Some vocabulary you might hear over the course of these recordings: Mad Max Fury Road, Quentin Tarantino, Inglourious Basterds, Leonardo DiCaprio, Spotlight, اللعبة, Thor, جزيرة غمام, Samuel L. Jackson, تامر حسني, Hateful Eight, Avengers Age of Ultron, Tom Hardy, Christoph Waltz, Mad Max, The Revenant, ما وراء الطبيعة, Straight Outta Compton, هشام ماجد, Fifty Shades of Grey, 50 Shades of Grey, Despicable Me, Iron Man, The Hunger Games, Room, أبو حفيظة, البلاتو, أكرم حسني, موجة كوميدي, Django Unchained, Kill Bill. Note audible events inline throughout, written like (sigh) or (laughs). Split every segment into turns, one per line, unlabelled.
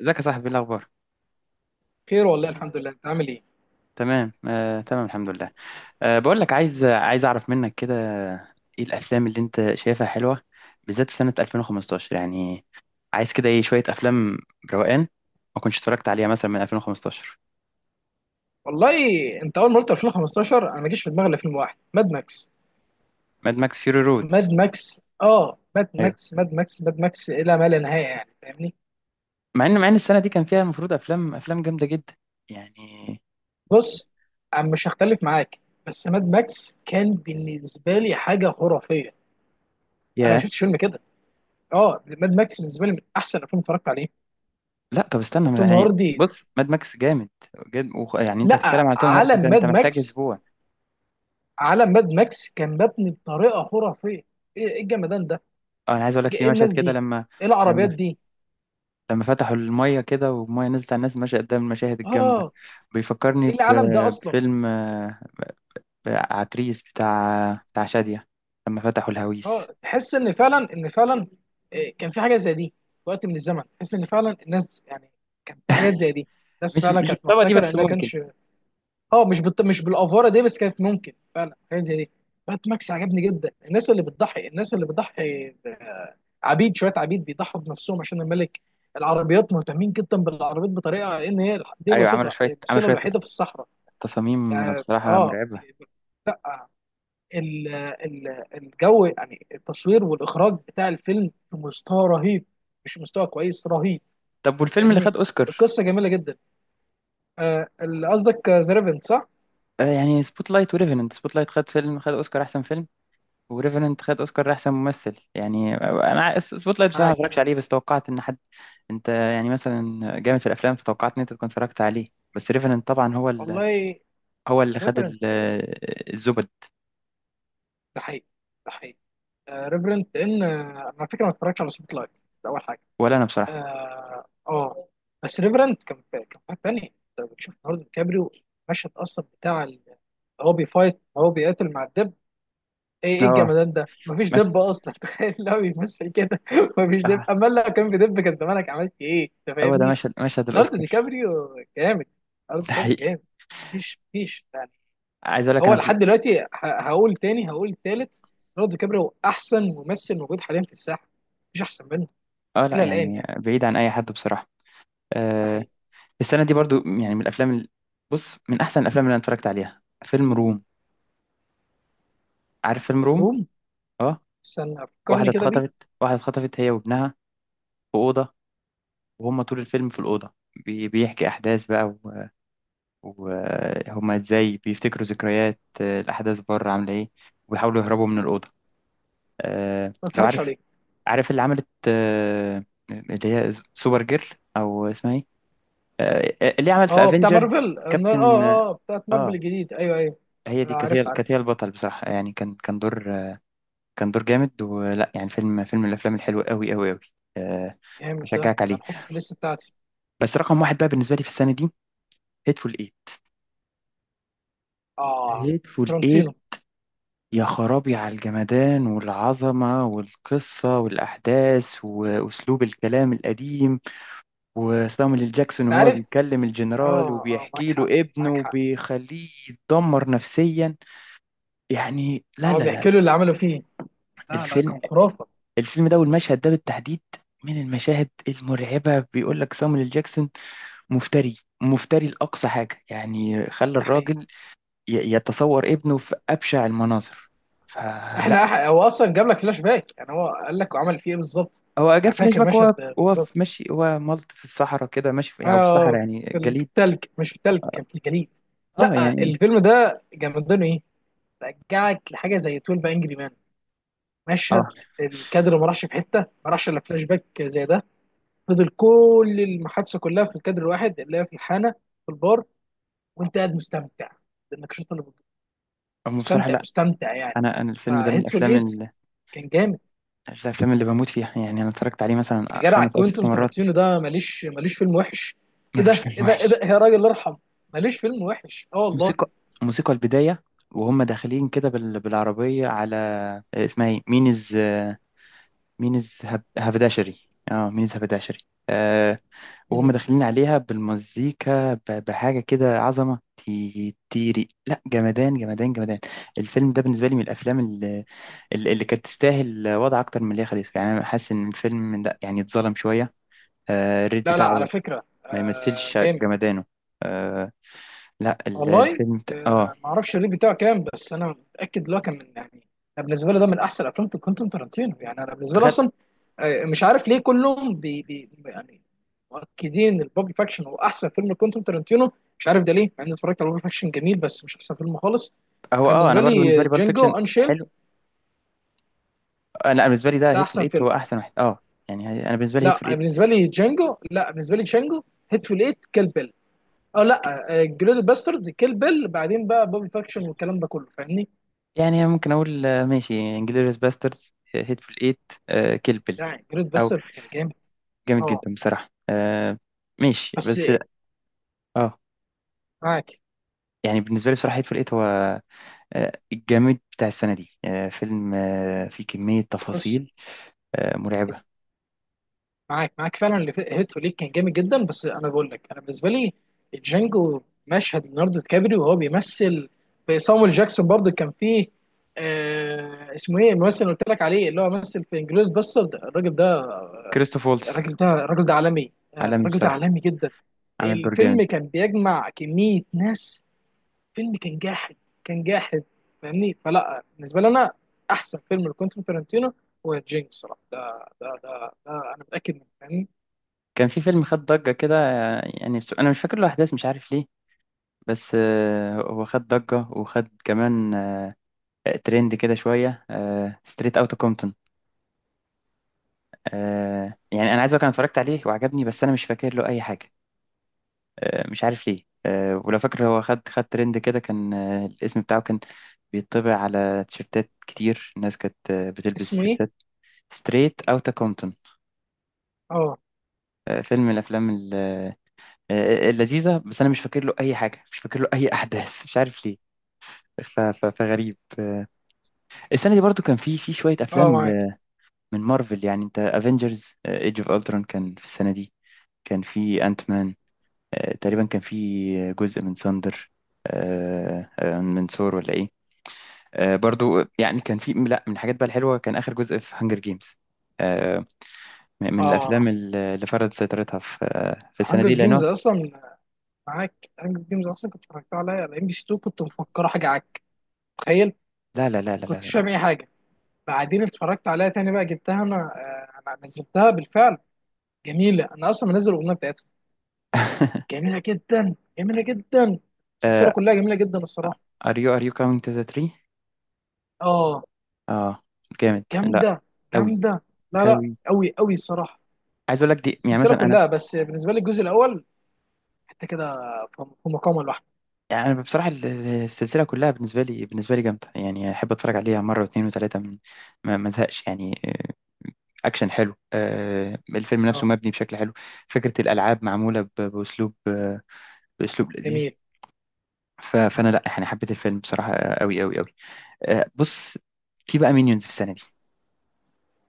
ازيك يا صاحبي؟ إيه الاخبار؟
خير، والله الحمد لله. انت عامل ايه؟
تمام. تمام، الحمد لله. بقول لك، عايز اعرف منك كده ايه الافلام اللي انت شايفها حلوه، بالذات في سنه 2015 يعني. عايز كده ايه شويه افلام روقان ما كنتش اتفرجت عليها مثلا من 2015.
والله، انت اول ما قلت 2015 انا ما جيش في دماغي الا فيلم واحد: ماد ماكس.
ماد ماكس فيوري رود.
ماد ماكس، اه، ماد
ايوه.
ماكس ماد ماكس ماد ماكس الى ما لا نهايه، يعني فاهمني.
مع ان السنه دي كان فيها المفروض افلام جامده جدا يعني.
بص، انا مش هختلف معاك، بس ماد ماكس كان بالنسبه لي حاجه خرافيه. انا ما
يا.
شفتش فيلم كده. اه، ماد ماكس بالنسبه لي من احسن الافلام اللي اتفرجت عليه.
لا طب استنى،
توم
يعني
هاردي.
بص، ماد ماكس جامد جد. يعني انت هتتكلم
لا،
على توم هاردي ده،
عالم ماد
انت محتاج
ماكس.
اسبوع.
عالم ماد ماكس كان مبني بطريقه خرافيه. إيه الجمدان ده!
اه، انا عايز اقول لك في
إيه
مشهد
الناس
كده
دي!
لما...
ايه العربيات
لما
دي!
لما فتحوا المية كده، والمية نزلت على الناس ماشية قدام المشاهد الجامدة،
اه،
بيفكرني
ايه العالم ده اصلا!
بفيلم عتريس، بتاع شادية، لما فتحوا الهويس.
اه، تحس ان فعلا، كان في حاجه زي دي. في وقت من الزمن تحس ان فعلا الناس، يعني كان في حاجات زي دي. الناس فعلا
مش
كانت
الطبقة دي
محتكره
بس،
انها
ممكن.
كانش. اه، مش بالافاره دي، بس كانت ممكن فعلا حاجات زي دي. بات ماكس عجبني جدا. الناس اللي بتضحي الناس اللي بتضحي آه، عبيد، شويه عبيد بيضحوا بنفسهم عشان الملك. العربيات، مهتمين جدا بالعربيات بطريقه ان هي دي
أيوة، عمل
الوسيله،
شوية
الوحيده في الصحراء.
تصاميم
يعني
بصراحة
اه،
مرعبة.
لا، الجو، يعني التصوير والاخراج بتاع الفيلم، في مستوى رهيب. مش مستوى كويس، رهيب.
طب والفيلم اللي
فاهمني.
خد أوسكار؟
القصه جميله جدا. آه، اللي قصدك ذا ريفرنت، صح؟
يعني سبوت لايت وريفننت. سبوت لايت خد فيلم، خد أوسكار أحسن فيلم، وريفننت خد أوسكار أحسن ممثل. يعني أنا سبوت لايت بصراحة ما
معاك.
اتفرجتش عليه، بس توقعت إن حد، أنت يعني مثلا جامد في الأفلام، فتوقعت إن أنت تكون اتفرجت عليه. بس ريفننت طبعا هو،
والله،
هو اللي خد
ريفرنت.
الزبد.
ده حقيقي، ده حقيقي. ريفرنت، لان انا على فكره ما اتفرجتش على سبوت لايت. ده اول حاجه.
ولا انا بصراحه.
اه. آه. بس ريفرنت كان، حاجه ثانيه. انت بتشوف النهارده كابريو؟ المشهد اصلا بتاع هو بيفايت هو بيقاتل مع الدب. ايه
اه،
الجمدان ده! مفيش
مشهد.
دب اصلا (laughs) تخيل لو بيمثل كده (laughs) مفيش دب،
آه،
اما لو كان في دب كان زمانك عملت ايه انت،
هو ده
فاهمني.
مشهد،
لارد دي
الاوسكار.
كابريو جامد. لارد
(laughs)
دي
ده
كابريو
حقيقي.
جامد. مفيش يعني.
عايز اقول لك،
هو
انا في
لحد دلوقتي هقول تاني، هقول تالت. لارد دي كابريو احسن ممثل موجود حاليا في الساحه. مفيش احسن منه.
اه
الى
لا،
الان
يعني
يعني.
بعيد عن اي حد بصراحه.
ده
آه،
حقيقي.
السنه دي برضو، يعني من الافلام بص، من احسن الافلام اللي انا اتفرجت عليها فيلم روم. عارف فيلم روم؟
روم،
اه.
استنى
واحده
فكرني كده بيه.
اتخطفت، واحده اتخطفت هي وابنها في اوضه، وهم طول الفيلم في الاوضه، بيحكي احداث بقى، وهم ازاي بيفتكروا ذكريات، الاحداث بره عامله ايه، وبيحاولوا يهربوا من الاوضه. آه،
ما
لو
اتفرجش
عارف.
عليه.
عارف اللي عملت، اللي هي سوبر جيرل، او اسمها ايه، اللي عمل في
اه، بتاع
افنجرز.
مارفل، اه.
كابتن.
اه، آه، بتاعت مارفل
اه.
الجديد، ايوه ايوه.
هي
آه،
دي كانت هي
عارف عارف.
كانت هي البطل بصراحة، يعني كان دور. كان دور جامد، ولا يعني فيلم من الافلام الحلوة، قوي قوي قوي. آه،
جامد، ده
اشجعك
ده
عليه.
نحطه في الليست بتاعتي.
بس رقم واحد بقى بالنسبة لي في السنة دي، هيتفول ايت.
اه،
هيتفول ايت.
فلورنتينو.
يا خرابي على الجمدان والعظمة والقصة والأحداث وأسلوب الكلام القديم، وسامويل إل جاكسون
انت
وهو
عارف.
بيكلم
اه،
الجنرال
اه، معاك
وبيحكي
حق،
له ابنه
معاك حق.
وبيخليه يتدمر نفسيا. يعني لا،
اه،
لا، لا.
بيحكي له اللي عمله فيه. لا، لا،
الفيلم،
كان خرافه.
ده والمشهد ده بالتحديد من المشاهد المرعبة. بيقول لك سامويل إل جاكسون مفتري، لأقصى حاجة، يعني خلى
ده حقيقي.
الراجل يتصور ابنه في أبشع المناظر، فلا.
هو اصلا جاب لك فلاش باك، يعني هو قال لك وعمل فيه ايه بالظبط.
هو جاب
انا
فلاش
فاكر
باك،
مشهد.
هو هو
بالظبط.
ماشي، هو ملط في الصحراء كده، ماشي في، يعني في الصحراء،
اه. في
يعني جليد.
التلج، مش في التلج، كان في الجليد.
اه
لا،
يعني
الفيلم ده جامدينه ايه! رجعك لحاجه زي 12 انجري مان.
اه.
مشهد الكادر ما راحش في حته، ما راحش الا فلاش باك زي ده. فضل كل المحادثه كلها في الكادر الواحد اللي هي في الحانه، في البار. وانت قاعد مستمتع بالنقاشات اللي بتدور.
أما بصراحة
مستمتع،
لا،
مستمتع يعني.
انا الفيلم ده من
فهيتفول
الافلام،
ايت كان جامد.
اللي بموت فيها، يعني انا اتفرجت عليه
يا
مثلا
جدع،
خمس او ست
كوينتن
مرات
ترنتينو ده ماليش، ماليش فيلم وحش. ايه
ملوش
ده،
فيلم
ايه ده، ايه ده،
وحش.
يا راجل ارحم! ماليش فيلم وحش. اه، والله.
موسيقى، البدايه، وهم داخلين كده بالعربيه على اسمها ايه مينز، هبداشري. اه، مينز هبداشري. آه، وهم
مم.
داخلين عليها بالمزيكا بحاجه كده عظمه، تيري. لا، جمدان جمدان جمدان. الفيلم ده بالنسبه لي من الافلام اللي, اللي كانت تستاهل وضع اكتر من اللي هي خدته. يعني انا حاسس ان الفيلم ده يعني اتظلم شويه، الريت
لا لا، على
بتاعه
فكره،
ما
آه،
يمثلش
جامد.
جمدانه. آه، لا
والله،
الفيلم اه
آه، ما اعرفش الريت بتاعه كام، بس انا متاكد اللي هو كان من، يعني انا بالنسبه لي ده من احسن افلام كوينتين تارانتينو. يعني انا بالنسبه لي
تخيل.
اصلا، آه، مش عارف ليه كلهم بي، يعني مؤكدين البوب فاكشن هو احسن فيلم لكوينتين تارانتينو. مش عارف ده ليه، مع اني اتفرجت على بوب فاكشن، جميل بس مش احسن فيلم خالص.
هو
انا
اه، انا
بالنسبه
برضو بالنسبه
لي
لي بالب فيكشن
جانجو انشيلد
حلو. أنا بالنسبه لي ده
ده
هيت في
احسن
الايت، هو
فيلم.
احسن واحد اه. يعني انا بالنسبه لي هيت
لا،
في
انا
الايت.
بالنسبه لي جانجو. لا، بالنسبه لي جانجو، هيتفول ايت، كيل بيل، او لا جريد باسترد، كيل بيل، بعدين بقى بوبي فاكشن والكلام ده كله، فاهمني.
يعني ممكن اقول ماشي، انجلوريوس باسترز، هيت في الايت، آه كيلبل،
لا جريت
او
باسترد كان جامد.
جامد
اه،
جدا بصراحه آه. ماشي
بس
بس. اه.
معاك.
يعني بالنسبه لي بصراحه هيت في الايت هو الجامد بتاع السنه دي. آه فيلم، آه فيه كميه
بص،
تفاصيل آه مرعبه.
معاك معاك فعلا. اللي هيتو ليك كان جامد جدا، بس انا بقول لك انا بالنسبه لي جانجو. مشهد ليوناردو دي كابريو وهو بيمثل في صامويل جاكسون برضه، كان فيه آه اسمه ايه الممثل اللي قلت لك عليه، اللي هو مثل في انجلوريس باسترد، الراجل ده.
كريستوف وولتز
الراجل ده، عالمي. آه،
عالمي
الراجل ده
بصراحه،
عالمي جدا.
عامل دور
الفيلم
جامد.
كان بيجمع كميه ناس. فيلم كان جاحد. كان جاحد. فاهمني. فلا، بالنسبه لي انا احسن فيلم لكوينتين تارانتينو هو جينج، الصراحه. ده انا متاكد منه، فاهمني.
كان في فيلم خد ضجة كده، يعني بس أنا مش فاكر له أحداث، مش عارف ليه. بس هو خد ضجة وخد كمان ترند كده شوية، ستريت أوت كومبتون. يعني أنا عايز أقول أنا اتفرجت عليه وعجبني، بس أنا مش فاكر له أي حاجة. مش عارف ليه. ولو فاكر، هو خد ترند كده، كان الاسم بتاعه كان بيطبع على تيشيرتات كتير. الناس كانت بتلبس
اسمه ايه؟
تيشيرتات ستريت أوت كومبتون.
اه،
فيلم من الأفلام اللذيذة، بس أنا مش فاكر له أي حاجة، مش فاكر له أي (laughs) أحداث، مش عارف ليه. فغريب، السنة دي برضو كان في شوية
اه
أفلام
معاك.
من مارفل. يعني أنت افنجرز ايج اوف الترون كان في السنة دي. كان في انت مان. تقريبا كان في جزء من ساندر، من ثور ولا إيه. برضو يعني، كان في، لا، من الحاجات بقى الحلوة كان آخر جزء في هانجر جيمز. من الأفلام
اه،
اللي فرضت سيطرتها في، في السنة
هانجر
دي،
جيمز
لأنه
اصلا. معاك، هانجر جيمز اصلا كنت اتفرجت عليها على ام بي سي 2، كنت مفكره حاجه عك. تخيل.
لا لا لا لا لا
كنتش فاهم
لا.
اي حاجه. بعدين اتفرجت عليها تاني، بقى جبتها انا. آه، انا نزلتها بالفعل، جميله. انا اصلا منزل الاغنيه بتاعتها.
(laughs)
جميله جدا، جميله جدا. السلسله كلها جميله جدا الصراحه.
ار يو كاونت ذا تري.
اه،
اه، are you counting to the tree؟ جامد. لا.
جامده، جامده. لا لا،
أوي.
قوي قوي الصراحه.
عايز اقول لك دي، يعني
السلسله
مثلا انا.
كلها، بس بالنسبه لي الجزء الاول حتى كده في في مقامه لوحده.
يعني انا بصراحه السلسله كلها بالنسبه لي، جامده. يعني احب اتفرج عليها مره واثنين وثلاثه، ما ازهقش يعني، اكشن حلو، الفيلم نفسه
اه،
مبني بشكل حلو. فكره الالعاب معموله باسلوب باسلوب لذيذ.
جميل.
فانا لا، يعني حبيت الفيلم بصراحه، قوي قوي قوي. بص، في بقى مينيونز في السنه دي.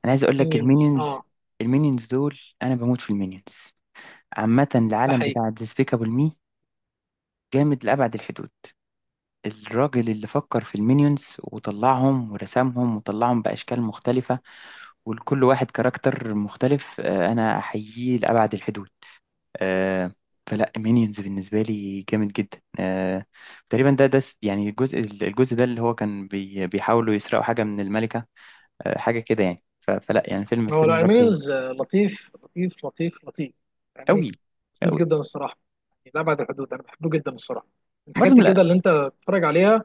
انا عايز اقول لك
مينيونز، اه.
المينيونز، المينيونز دول انا بموت في المينيونز. عامه
ده
العالم
حقيقي.
بتاع ديسبيكابل مي جامد لأبعد الحدود. الراجل اللي فكر في المينيونز وطلعهم ورسمهم وطلعهم بأشكال مختلفة، ولكل واحد كاركتر مختلف، أنا أحييه لأبعد الحدود. آه، فلا مينيونز بالنسبة لي جامد جدا. تقريبا ده يعني الجزء، ده اللي هو كان بيحاولوا يسرقوا حاجة من الملكة، حاجة كده يعني. فلا يعني فيلم
هو لا،
برضه.
مينيونز لطيف، لطيف، لطيف، لطيف يعني.
أوي.
لطيف
أوي.
جدا الصراحه، يعني لا بعد الحدود. انا بحبه جدا الصراحه، من
برضه
الحاجات كده
لا،
اللي انت بتتفرج عليها.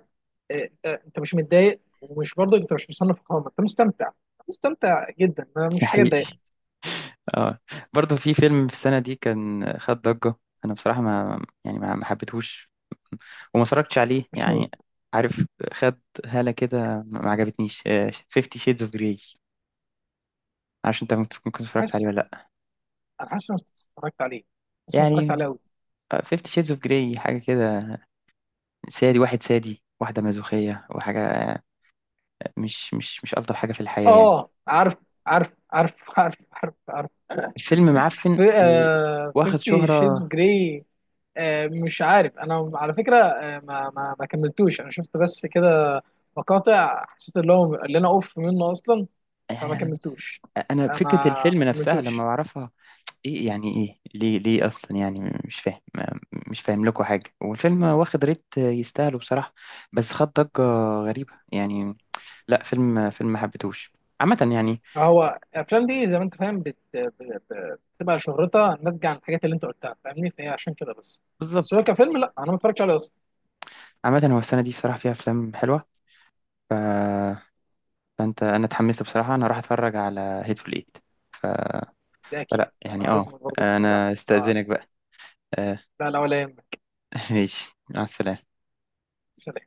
انت مش متضايق، ومش برضه انت مش مصنف قائمه، انت مستمتع، مستمتع جدا.
ده
مش حاجه
حقيقي.
تضايق.
اه، برضه في فيلم في السنة دي كان خد ضجة. أنا بصراحة، ما يعني، ما حبيتهوش وما اتفرجتش عليه.
بس مين؟
يعني عارف، خد هالة كده، ما عجبتنيش، 50 Shades of Grey. عشان انت ممكن تكون كنت اتفرجت عليه
حاسس،
ولا لا.
انا حاسس إن انا اتفرجت عليه. حاسس إن انا اتفرجت عليه
يعني
قوي.
50 Shades of Grey، حاجة كده، سادي واحد، سادي واحدة، مازوخية وحاجة، مش ألطف حاجة في الحياة يعني.
اه، عارف عارف عارف عارف عارف عارف.
الفيلم معفن
آه،
واخد
فيفتي شيز
شهرة.
جراي. آه مش عارف، انا على فكره، ما كملتوش. انا شفت بس كده مقاطع، حسيت اللي هو اللي انا اوف منه اصلا، فما
يعني أنا،
كملتوش. آه،
فكرة الفيلم
ما
نفسها لما
كملتوش.
بعرفها، ايه يعني، ايه ليه، اصلا، يعني مش فاهم مش فاهم لكم حاجه. والفيلم واخد ريت يستاهله بصراحه، بس خد ضجه غريبه يعني. لا، فيلم ما حبيتهوش عامه يعني.
هو الافلام دي زي ما انت فاهم بتبقى شهرتها ناتجه عن الحاجات اللي انت قلتها، فاهمني، فهي عشان كده بس. بس هو
بالظبط.
كفيلم، لا، انا ما اتفرجتش عليه اصلا.
عامه هو السنه دي بصراحه فيها افلام حلوه ف... فانت، انا اتحمست بصراحه، انا راح اتفرج على هيتفول ايت.
ده اكيد،
فلا يعني
انا
اه،
لازم برضه اتفرج عليه.
انا استاذنك
آه.
بقى. آه،
لا لا، ولا يهمك.
(laughs) ماشي، مع السلامه.
سلام.